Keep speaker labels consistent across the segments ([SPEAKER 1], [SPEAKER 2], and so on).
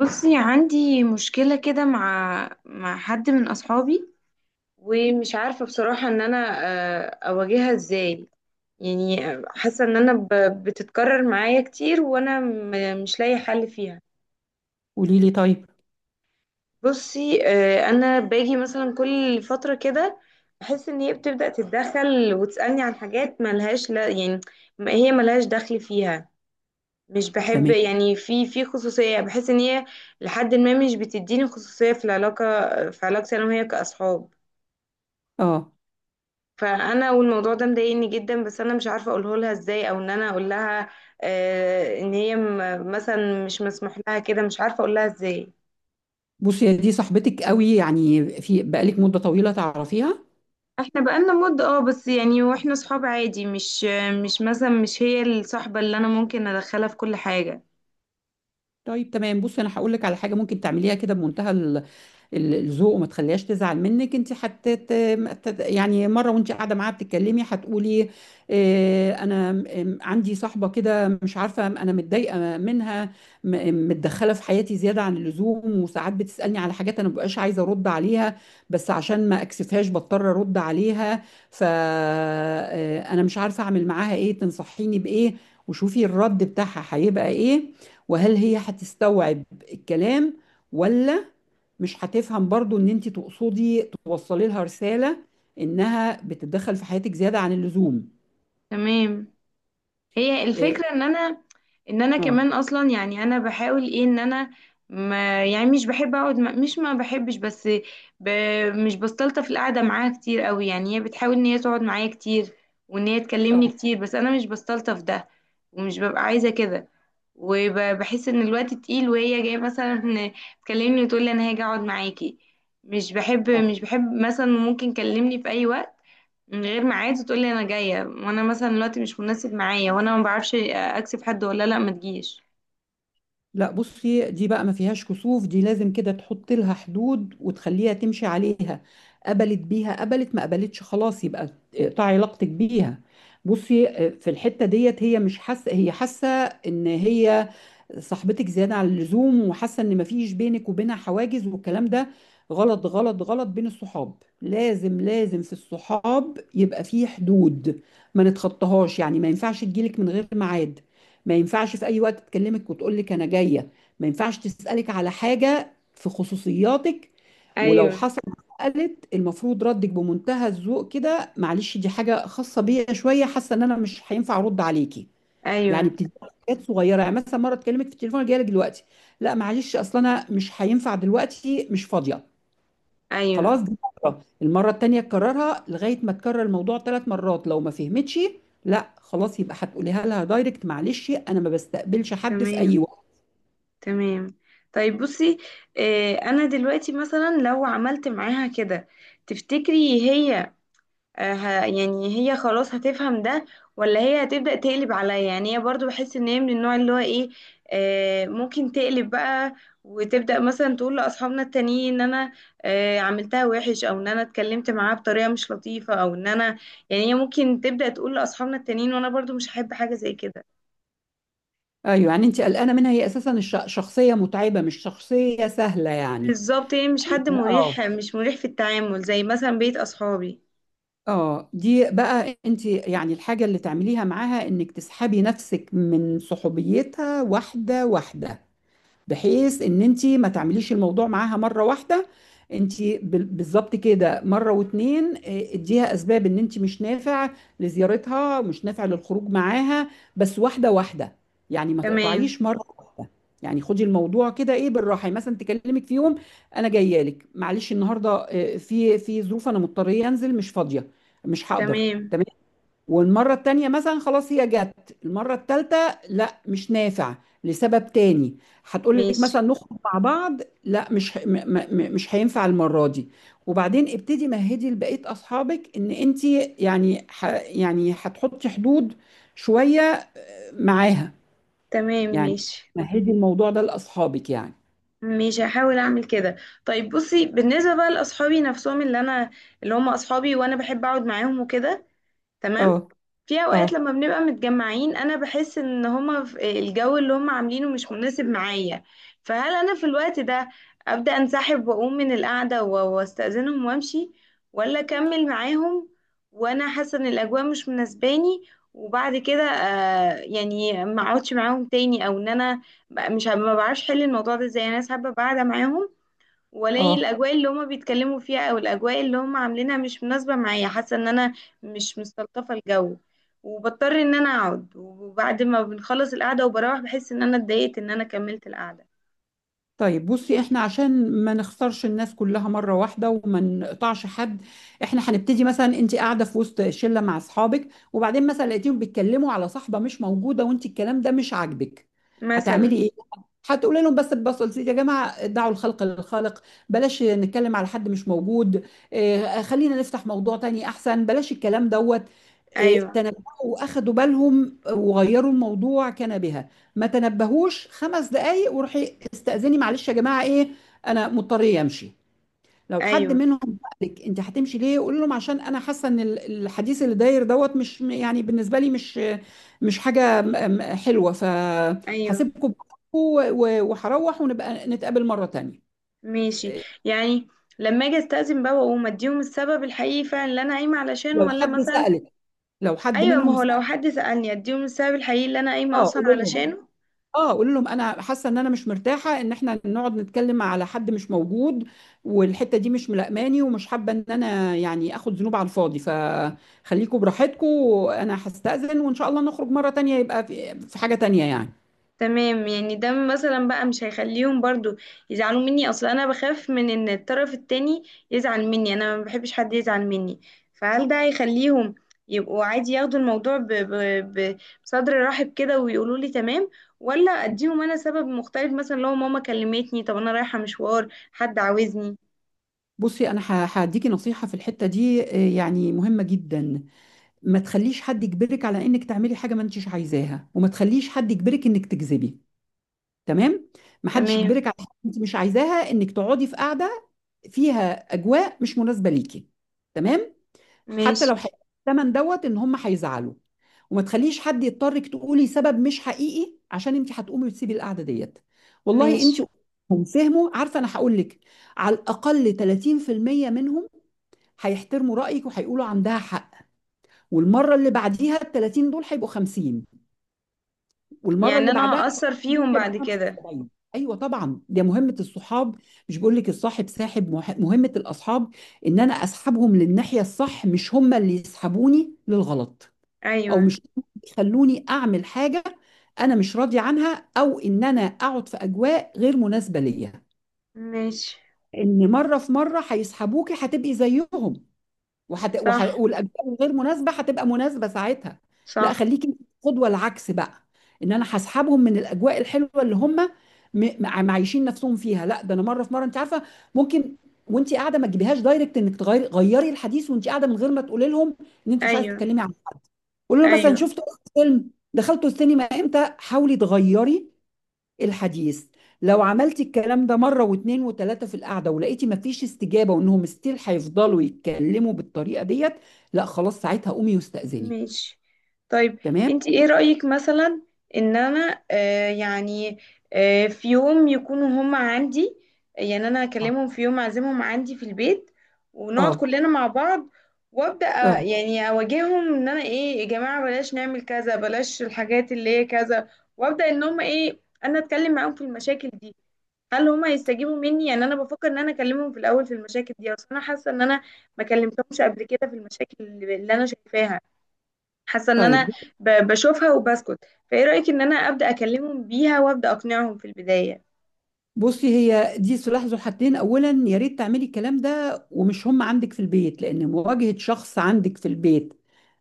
[SPEAKER 1] بصي، عندي مشكلة كده مع حد من أصحابي. ومش عارفة بصراحة إن أنا أواجهها إزاي، يعني. حاسة إن أنا بتتكرر معايا كتير، وأنا مش لاقي حل فيها.
[SPEAKER 2] قولي لي طيب.
[SPEAKER 1] بصي، أنا باجي مثلا كل فترة كده، بحس إن هي بتبدأ تتدخل وتسألني عن حاجات ملهاش، لا، يعني هي ملهاش دخل فيها. مش بحب،
[SPEAKER 2] تمام.
[SPEAKER 1] يعني، في خصوصية، يعني بحس ان هي لحد ما مش بتديني خصوصية في العلاقة، في علاقتي انا وهي كأصحاب.
[SPEAKER 2] اه.
[SPEAKER 1] فانا والموضوع ده مضايقني جدا، بس انا مش عارفة اقوله لها ازاي، او ان انا اقول لها ان هي مثلا مش مسموح لها كده، مش عارفة اقول لها ازاي.
[SPEAKER 2] بصي، يا دي صاحبتك قوي يعني، في بقالك مدة طويلة تعرفيها؟
[SPEAKER 1] احنا بقالنا مدة، اه، بس يعني واحنا صحاب عادي، مش مثلا مش هي الصاحبة اللي انا ممكن ادخلها في كل حاجة.
[SPEAKER 2] طيب تمام. بصي انا هقول لك على حاجة ممكن تعمليها كده، بمنتهى الذوق، وما تخليهاش تزعل منك انت حتى. يعني مره وانت قاعده معاها بتتكلمي هتقولي، انا عندي صاحبه كده، مش عارفه، انا متضايقه منها، متدخله في حياتي زياده عن اللزوم، وساعات بتسالني على حاجات انا مبقاش عايزه ارد عليها، بس عشان ما اكسفهاش بضطر ارد عليها. فانا مش عارفه اعمل معاها ايه، تنصحيني بايه؟ وشوفي الرد بتاعها هيبقى ايه، وهل هي هتستوعب الكلام، ولا مش هتفهم برضو ان انت تقصدي توصلي لها رسالة انها بتتدخل في حياتك زيادة عن اللزوم.
[SPEAKER 1] تمام. هي
[SPEAKER 2] إيه،
[SPEAKER 1] الفكرة ان انا، ان انا
[SPEAKER 2] اه.
[SPEAKER 1] كمان اصلا، يعني انا بحاول ايه ان انا، ما يعني مش بحب اقعد، ما بحبش بس، ب مش بستلطف القعدة معاها كتير قوي. يعني هي بتحاول ان هي تقعد معايا كتير وان هي تكلمني
[SPEAKER 2] اه.
[SPEAKER 1] كتير، بس انا مش بستلطف ده، ومش ببقى عايزة كده. وبحس ان الوقت تقيل، وهي جايه مثلا تكلمني وتقول لي انا هاجي اقعد معاكي. مش بحب
[SPEAKER 2] آه.
[SPEAKER 1] مش بحب مثلا ممكن كلمني في اي وقت من غير ميعاد وتقول لي انا جايه، وانا مثلا دلوقتي مش مناسب معايا، وانا ما بعرفش اكسب حد ولا لا ما تجيش.
[SPEAKER 2] لا، بصي دي بقى ما فيهاش كسوف، دي لازم كده تحط لها حدود وتخليها تمشي عليها. قبلت بيها قبلت، ما قبلتش خلاص يبقى اقطعي علاقتك بيها. بصي في الحتة ديت، هي مش حاسة، هي حاسة ان هي صاحبتك زيادة عن اللزوم، وحاسة ان ما فيش بينك وبينها حواجز، والكلام ده غلط غلط غلط. بين الصحاب لازم لازم في الصحاب يبقى في حدود ما نتخطاهاش، يعني ما ينفعش تجيلك من غير ميعاد، ما ينفعش في اي وقت تكلمك وتقول لك انا جايه، ما ينفعش تسالك على حاجه في خصوصياتك. ولو
[SPEAKER 1] ايوه،
[SPEAKER 2] حصل، قالت المفروض ردك بمنتهى الذوق كده، معلش دي حاجه خاصه بيا شويه، حاسه ان انا مش هينفع ارد عليكي. يعني
[SPEAKER 1] ايوه،
[SPEAKER 2] بتدي حاجات صغيره، يعني مثلا مره تكلمك في التليفون جايه لك دلوقتي، لا معلش اصل انا مش هينفع دلوقتي، مش فاضيه
[SPEAKER 1] ايوه.
[SPEAKER 2] خلاص. دي المرة التانية تكررها، لغاية ما تكرر الموضوع 3 مرات، لو ما فهمتش لا خلاص يبقى هتقوليها لها دايركت، معلش انا ما بستقبلش حد في اي
[SPEAKER 1] تمام،
[SPEAKER 2] وقت.
[SPEAKER 1] تمام. طيب بصي، انا دلوقتي مثلا لو عملت معاها كده، تفتكري هي يعني هي خلاص هتفهم ده، ولا هي هتبدأ تقلب عليا؟ يعني هي برضو بحس ان هي من النوع اللي هو ايه، ممكن تقلب بقى وتبدأ مثلا تقول لأصحابنا التانيين ان انا عملتها وحش، او ان انا اتكلمت معاها بطريقة مش لطيفة، او ان انا، يعني هي ممكن تبدأ تقول لأصحابنا التانيين، وانا برضو مش هحب حاجة زي كده.
[SPEAKER 2] ايوه، يعني انت قلقانة منها، هي اساسا شخصية متعبة، مش شخصية سهلة يعني.
[SPEAKER 1] بالظبط، هي مش
[SPEAKER 2] يعني
[SPEAKER 1] حد
[SPEAKER 2] اه.
[SPEAKER 1] مريح، مش مريح في التعامل، زي مثلا بيت أصحابي.
[SPEAKER 2] اه دي بقى، انت يعني الحاجة اللي تعمليها معاها انك تسحبي نفسك من صحوبيتها واحدة واحدة، بحيث ان انت ما تعمليش الموضوع معاها مره واحده. انت بالظبط كده، مره واتنين اديها اسباب ان انت مش نافع لزيارتها، مش نافع للخروج معاها، بس واحده واحده، يعني ما
[SPEAKER 1] تمام،
[SPEAKER 2] تقطعيش مره واحده. يعني خدي الموضوع كده، ايه، بالراحه. يعني مثلا تكلمك في يوم، انا جايه لك، معلش النهارده في ظروف، انا مضطريه انزل، مش فاضيه، مش هقدر.
[SPEAKER 1] تمام،
[SPEAKER 2] والمرة التانية مثلا خلاص، هي جت المرة التالتة، لا مش نافع، لسبب تاني. هتقول لك
[SPEAKER 1] ماشي.
[SPEAKER 2] مثلا نخرج مع بعض، لا، مش ه- م م م- مش هينفع المرة دي. وبعدين ابتدي مهدي لبقية أصحابك إن أنت، يعني يعني هتحطي حدود شوية معاها.
[SPEAKER 1] تمام،
[SPEAKER 2] يعني
[SPEAKER 1] ماشي،
[SPEAKER 2] مهدي الموضوع ده لأصحابك يعني.
[SPEAKER 1] مش هحاول اعمل كده. طيب بصي، بالنسبه بقى لاصحابي نفسهم، اللي هم اصحابي وانا بحب اقعد معاهم وكده.
[SPEAKER 2] اه.
[SPEAKER 1] تمام. في اوقات
[SPEAKER 2] اه.
[SPEAKER 1] لما بنبقى متجمعين انا بحس ان هما في الجو اللي هما عاملينه مش مناسب معايا. فهل انا في الوقت ده ابدا انسحب واقوم من القعده واستاذنهم وامشي، ولا اكمل معاهم وانا حاسه ان الاجواء مش مناسباني؟ وبعد كده، يعني ما اقعدش معاهم تاني، او ان انا، ب- مش ه- ما بعرفش احل الموضوع ده. زي انا حابه قاعده معاهم ولاقي
[SPEAKER 2] اه.
[SPEAKER 1] الاجواء اللي هما بيتكلموا فيها او الاجواء اللي هما عاملينها مش مناسبه معايا، حاسه ان انا مش مستلطفه الجو، وبضطر ان انا اقعد، وبعد ما بنخلص القعده وبروح بحس ان انا اتضايقت ان انا كملت القعده.
[SPEAKER 2] طيب بصي، احنا عشان ما نخسرش الناس كلها مرة واحدة وما نقطعش حد، احنا هنبتدي. مثلا انت قاعدة في وسط شلة مع اصحابك، وبعدين مثلا لقيتيهم بيتكلموا على صاحبة مش موجودة، وانت الكلام ده مش عاجبك،
[SPEAKER 1] مثلا.
[SPEAKER 2] هتعملي ايه؟ هتقولي لهم بس ببساطة، يا جماعة دعوا الخلق للخالق، بلاش نتكلم على حد مش موجود. اه خلينا نفتح موضوع تاني احسن، بلاش الكلام دوت. اه،
[SPEAKER 1] ايوه،
[SPEAKER 2] تنبهوا واخدوا بالهم وغيروا الموضوع، كان بها. ما تنبهوش، 5 دقايق وروحي استأذني، معلش يا جماعة ايه، انا مضطرة امشي. لو حد
[SPEAKER 1] ايوه،
[SPEAKER 2] منهم قال لك انت هتمشي ليه، قول لهم عشان انا حاسه ان الحديث اللي داير دوت، مش يعني بالنسبه لي، مش حاجه حلوه،
[SPEAKER 1] ايوه،
[SPEAKER 2] فهسيبكم براحتكم وهروح، ونبقى نتقابل مره تانية.
[SPEAKER 1] ماشي.
[SPEAKER 2] إيه،
[SPEAKER 1] يعني لما اجي استأذن بقى واقوم اديهم السبب الحقيقي فعلا اللي انا قايمه علشانه،
[SPEAKER 2] لو
[SPEAKER 1] ولا
[SPEAKER 2] حد
[SPEAKER 1] مثلا؟
[SPEAKER 2] سألك لو حد
[SPEAKER 1] ايوه، ما
[SPEAKER 2] منهم
[SPEAKER 1] هو
[SPEAKER 2] سأل.
[SPEAKER 1] لو حد سألني اديهم السبب الحقيقي اللي انا قايمه
[SPEAKER 2] اه.
[SPEAKER 1] اصلا علشانه.
[SPEAKER 2] قول لهم، انا حاسه ان انا مش مرتاحه ان احنا نقعد نتكلم على حد مش موجود، والحته دي مش ملائماني، ومش حابه ان انا يعني اخد ذنوب على الفاضي، فخليكم براحتكم، انا هستأذن، وان شاء الله نخرج مره تانية يبقى في حاجه تانية يعني.
[SPEAKER 1] تمام. يعني ده مثلا بقى مش هيخليهم برضو يزعلوا مني؟ اصلا انا بخاف من ان الطرف التاني يزعل مني، انا ما بحبش حد يزعل مني. فهل ده هيخليهم يبقوا عادي، ياخدوا الموضوع ب- بصدر رحب كده ويقولوا لي تمام، ولا اديهم انا سبب مختلف مثلا، لو ماما كلمتني، طب انا رايحة مشوار، حد عاوزني؟
[SPEAKER 2] بصي انا هديكي نصيحه في الحته دي يعني مهمه جدا. ما تخليش حد يجبرك على انك تعملي حاجه ما انتش عايزاها، وما تخليش حد يجبرك انك تكذبي. تمام. ما حدش
[SPEAKER 1] تمام،
[SPEAKER 2] يجبرك على حاجه انت مش عايزاها، انك تقعدي في قاعده فيها اجواء مش مناسبه ليكي. تمام. حتى
[SPEAKER 1] ماشي.
[SPEAKER 2] لو هيدفعوا الثمن دوت ان هم هيزعلوا، وما تخليش حد يضطرك تقولي سبب مش حقيقي، عشان انت هتقومي وتسيبي القعده ديت. والله
[SPEAKER 1] ماشي،
[SPEAKER 2] انت، هم فهموا، عارفه انا هقول لك، على الاقل 30% منهم هيحترموا رايك وهيقولوا عندها حق. والمره اللي بعديها ال 30 دول هيبقوا 50، والمره
[SPEAKER 1] يعني
[SPEAKER 2] اللي بعدها
[SPEAKER 1] انا هأثر فيهم
[SPEAKER 2] ممكن يبقى
[SPEAKER 1] بعد كده؟
[SPEAKER 2] 75. ايوه طبعا، ده مهمه الصحاب، مش بقول لك الصاحب ساحب، مهمه الاصحاب ان انا اسحبهم للناحيه الصح، مش هم اللي يسحبوني للغلط، او
[SPEAKER 1] ايوه،
[SPEAKER 2] مش يخلوني اعمل حاجه انا مش راضي عنها، او ان انا اقعد في اجواء غير مناسبه ليا.
[SPEAKER 1] ماشي.
[SPEAKER 2] ان مره في مره هيسحبوكي، هتبقي زيهم،
[SPEAKER 1] صح،
[SPEAKER 2] والاجزاء الغير مناسبه هتبقى مناسبه ساعتها. لا
[SPEAKER 1] صح.
[SPEAKER 2] خليكي قدوه العكس بقى، ان انا هسحبهم من الاجواء الحلوه اللي هم معيشين نفسهم فيها. لا ده انا مره في مره، انت عارفه، ممكن وانت قاعده ما تجيبيهاش دايركت، انك تغيري، غيري الحديث وانت قاعده، من غير ما تقولي لهم ان انت مش عايزه
[SPEAKER 1] ايوه،
[SPEAKER 2] تتكلمي عنه. قولي له مثلا،
[SPEAKER 1] ايوه.
[SPEAKER 2] شفتوا فيلم، دخلتوا السينما امتى، حاولي تغيري الحديث. لو عملتي الكلام ده مرة واتنين وتلاتة في القعدة، ولقيتي مفيش استجابة وانهم ستيل هيفضلوا يتكلموا بالطريقة ديت، لا خلاص، ساعتها قومي واستأذني.
[SPEAKER 1] ماشي. طيب،
[SPEAKER 2] تمام.
[SPEAKER 1] انت ايه رأيك مثلا ان انا يعني، في يوم يكونوا هم عندي، يعني انا
[SPEAKER 2] آه.
[SPEAKER 1] اكلمهم في يوم اعزمهم عندي في البيت ونقعد
[SPEAKER 2] اه.
[SPEAKER 1] كلنا مع بعض، وابدا
[SPEAKER 2] اه.
[SPEAKER 1] يعني اواجههم ان انا ايه، يا جماعة بلاش نعمل كذا، بلاش الحاجات اللي هي كذا، وابدا ان هم ايه، انا اتكلم معاهم في المشاكل دي. هل هم هيستجيبوا مني؟ يعني انا بفكر ان انا اكلمهم في الاول في المشاكل دي، اصل انا حاسة ان انا ما كلمتهمش قبل كده في المشاكل اللي انا شايفاها، حاسه ان انا
[SPEAKER 2] طيب
[SPEAKER 1] بشوفها وبسكت. فايه رايك ان انا ابدا اكلمهم بيها وابدا اقنعهم في البدايه؟
[SPEAKER 2] بصي، هي دي سلاح ذو حدين. اولا يا ريت تعملي الكلام ده ومش هم عندك في البيت، لان مواجهة شخص عندك في البيت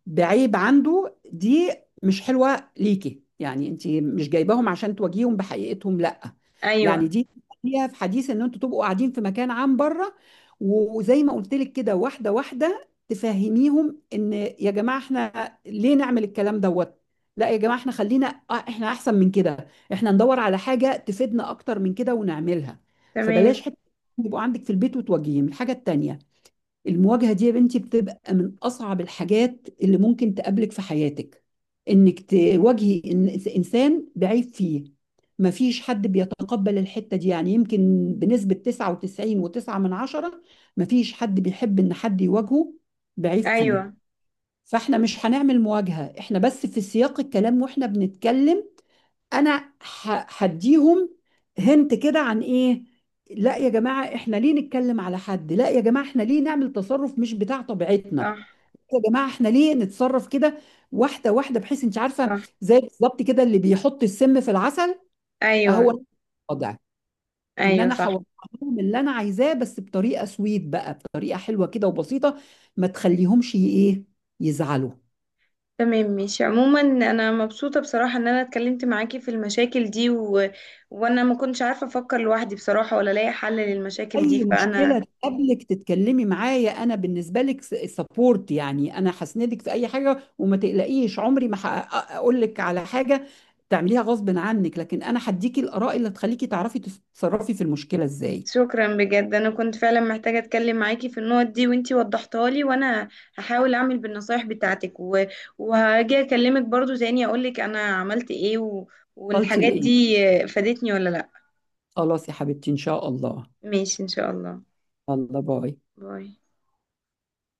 [SPEAKER 2] بعيب عنده دي مش حلوة ليكي، يعني انت مش جايباهم عشان تواجهيهم بحقيقتهم، لا. يعني
[SPEAKER 1] ايوه،
[SPEAKER 2] دي فيها، حديث ان انتوا تبقوا قاعدين في مكان عام بره، وزي ما قلت لك كده واحده واحده تفهميهم، ان يا جماعه احنا ليه نعمل الكلام دوت. لا يا جماعه، احنا خلينا آه، احنا احسن من كده، احنا ندور على حاجه تفيدنا اكتر من كده ونعملها.
[SPEAKER 1] تمام.
[SPEAKER 2] فبلاش حته يبقوا عندك في البيت وتوجهيهم الحاجه التانيه. المواجهة دي يا بنتي بتبقى من أصعب الحاجات اللي ممكن تقابلك في حياتك، إنك تواجهي إنسان بعيب فيه. مفيش حد بيتقبل الحتة دي، يعني يمكن بنسبة 99 وتسعة من عشرة مفيش حد بيحب إن حد يواجهه بعيب فيه.
[SPEAKER 1] ايوه،
[SPEAKER 2] فإحنا مش هنعمل مواجهة، إحنا بس في سياق الكلام وإحنا بنتكلم. انا هديهم هنت كده عن ايه؟ لا يا جماعه احنا ليه نتكلم على حد، لا يا جماعه احنا ليه نعمل تصرف مش بتاع طبيعتنا،
[SPEAKER 1] صح.
[SPEAKER 2] يا جماعه احنا ليه نتصرف كده. واحده واحده، بحيث انت عارفه،
[SPEAKER 1] صح،
[SPEAKER 2] زي بالظبط كده اللي بيحط السم في العسل، اهو
[SPEAKER 1] ايوه،
[SPEAKER 2] نفس الوضع. ان
[SPEAKER 1] ايوه،
[SPEAKER 2] انا
[SPEAKER 1] صح.
[SPEAKER 2] هوضح لهم اللي انا عايزاه، بس بطريقه سويت بقى، بطريقه حلوه كده وبسيطه، ما تخليهمش ي- ايه يزعلوا.
[SPEAKER 1] تمام، ماشي. عموما انا مبسوطه بصراحه ان انا اتكلمت معاكي في المشاكل دي، وانا ما كنتش عارفه افكر لوحدي بصراحه ولا الاقي حل للمشاكل دي،
[SPEAKER 2] اي
[SPEAKER 1] فانا
[SPEAKER 2] مشكله تقابلك تتكلمي معايا، انا بالنسبه لك سبورت، يعني انا هسندك في اي حاجه، وما تقلقيش عمري ما اقول لك على حاجه تعمليها غصب عنك، لكن انا هديكي الاراء اللي تخليكي تعرفي تتصرفي في المشكله ازاي.
[SPEAKER 1] شكرا بجد، انا كنت فعلا محتاجة اتكلم معاكي في النقط دي وانتي وضحتها لي، وانا هحاول اعمل بالنصايح بتاعتك، وهاجي اكلمك برضو تاني اقولك انا عملت ايه
[SPEAKER 2] وصلتي
[SPEAKER 1] والحاجات
[SPEAKER 2] لايه؟
[SPEAKER 1] دي فادتني ولا لا.
[SPEAKER 2] خلاص يا حبيبتي، ان شاء الله.
[SPEAKER 1] ماشي، ان شاء الله.
[SPEAKER 2] الله، باي.
[SPEAKER 1] باي.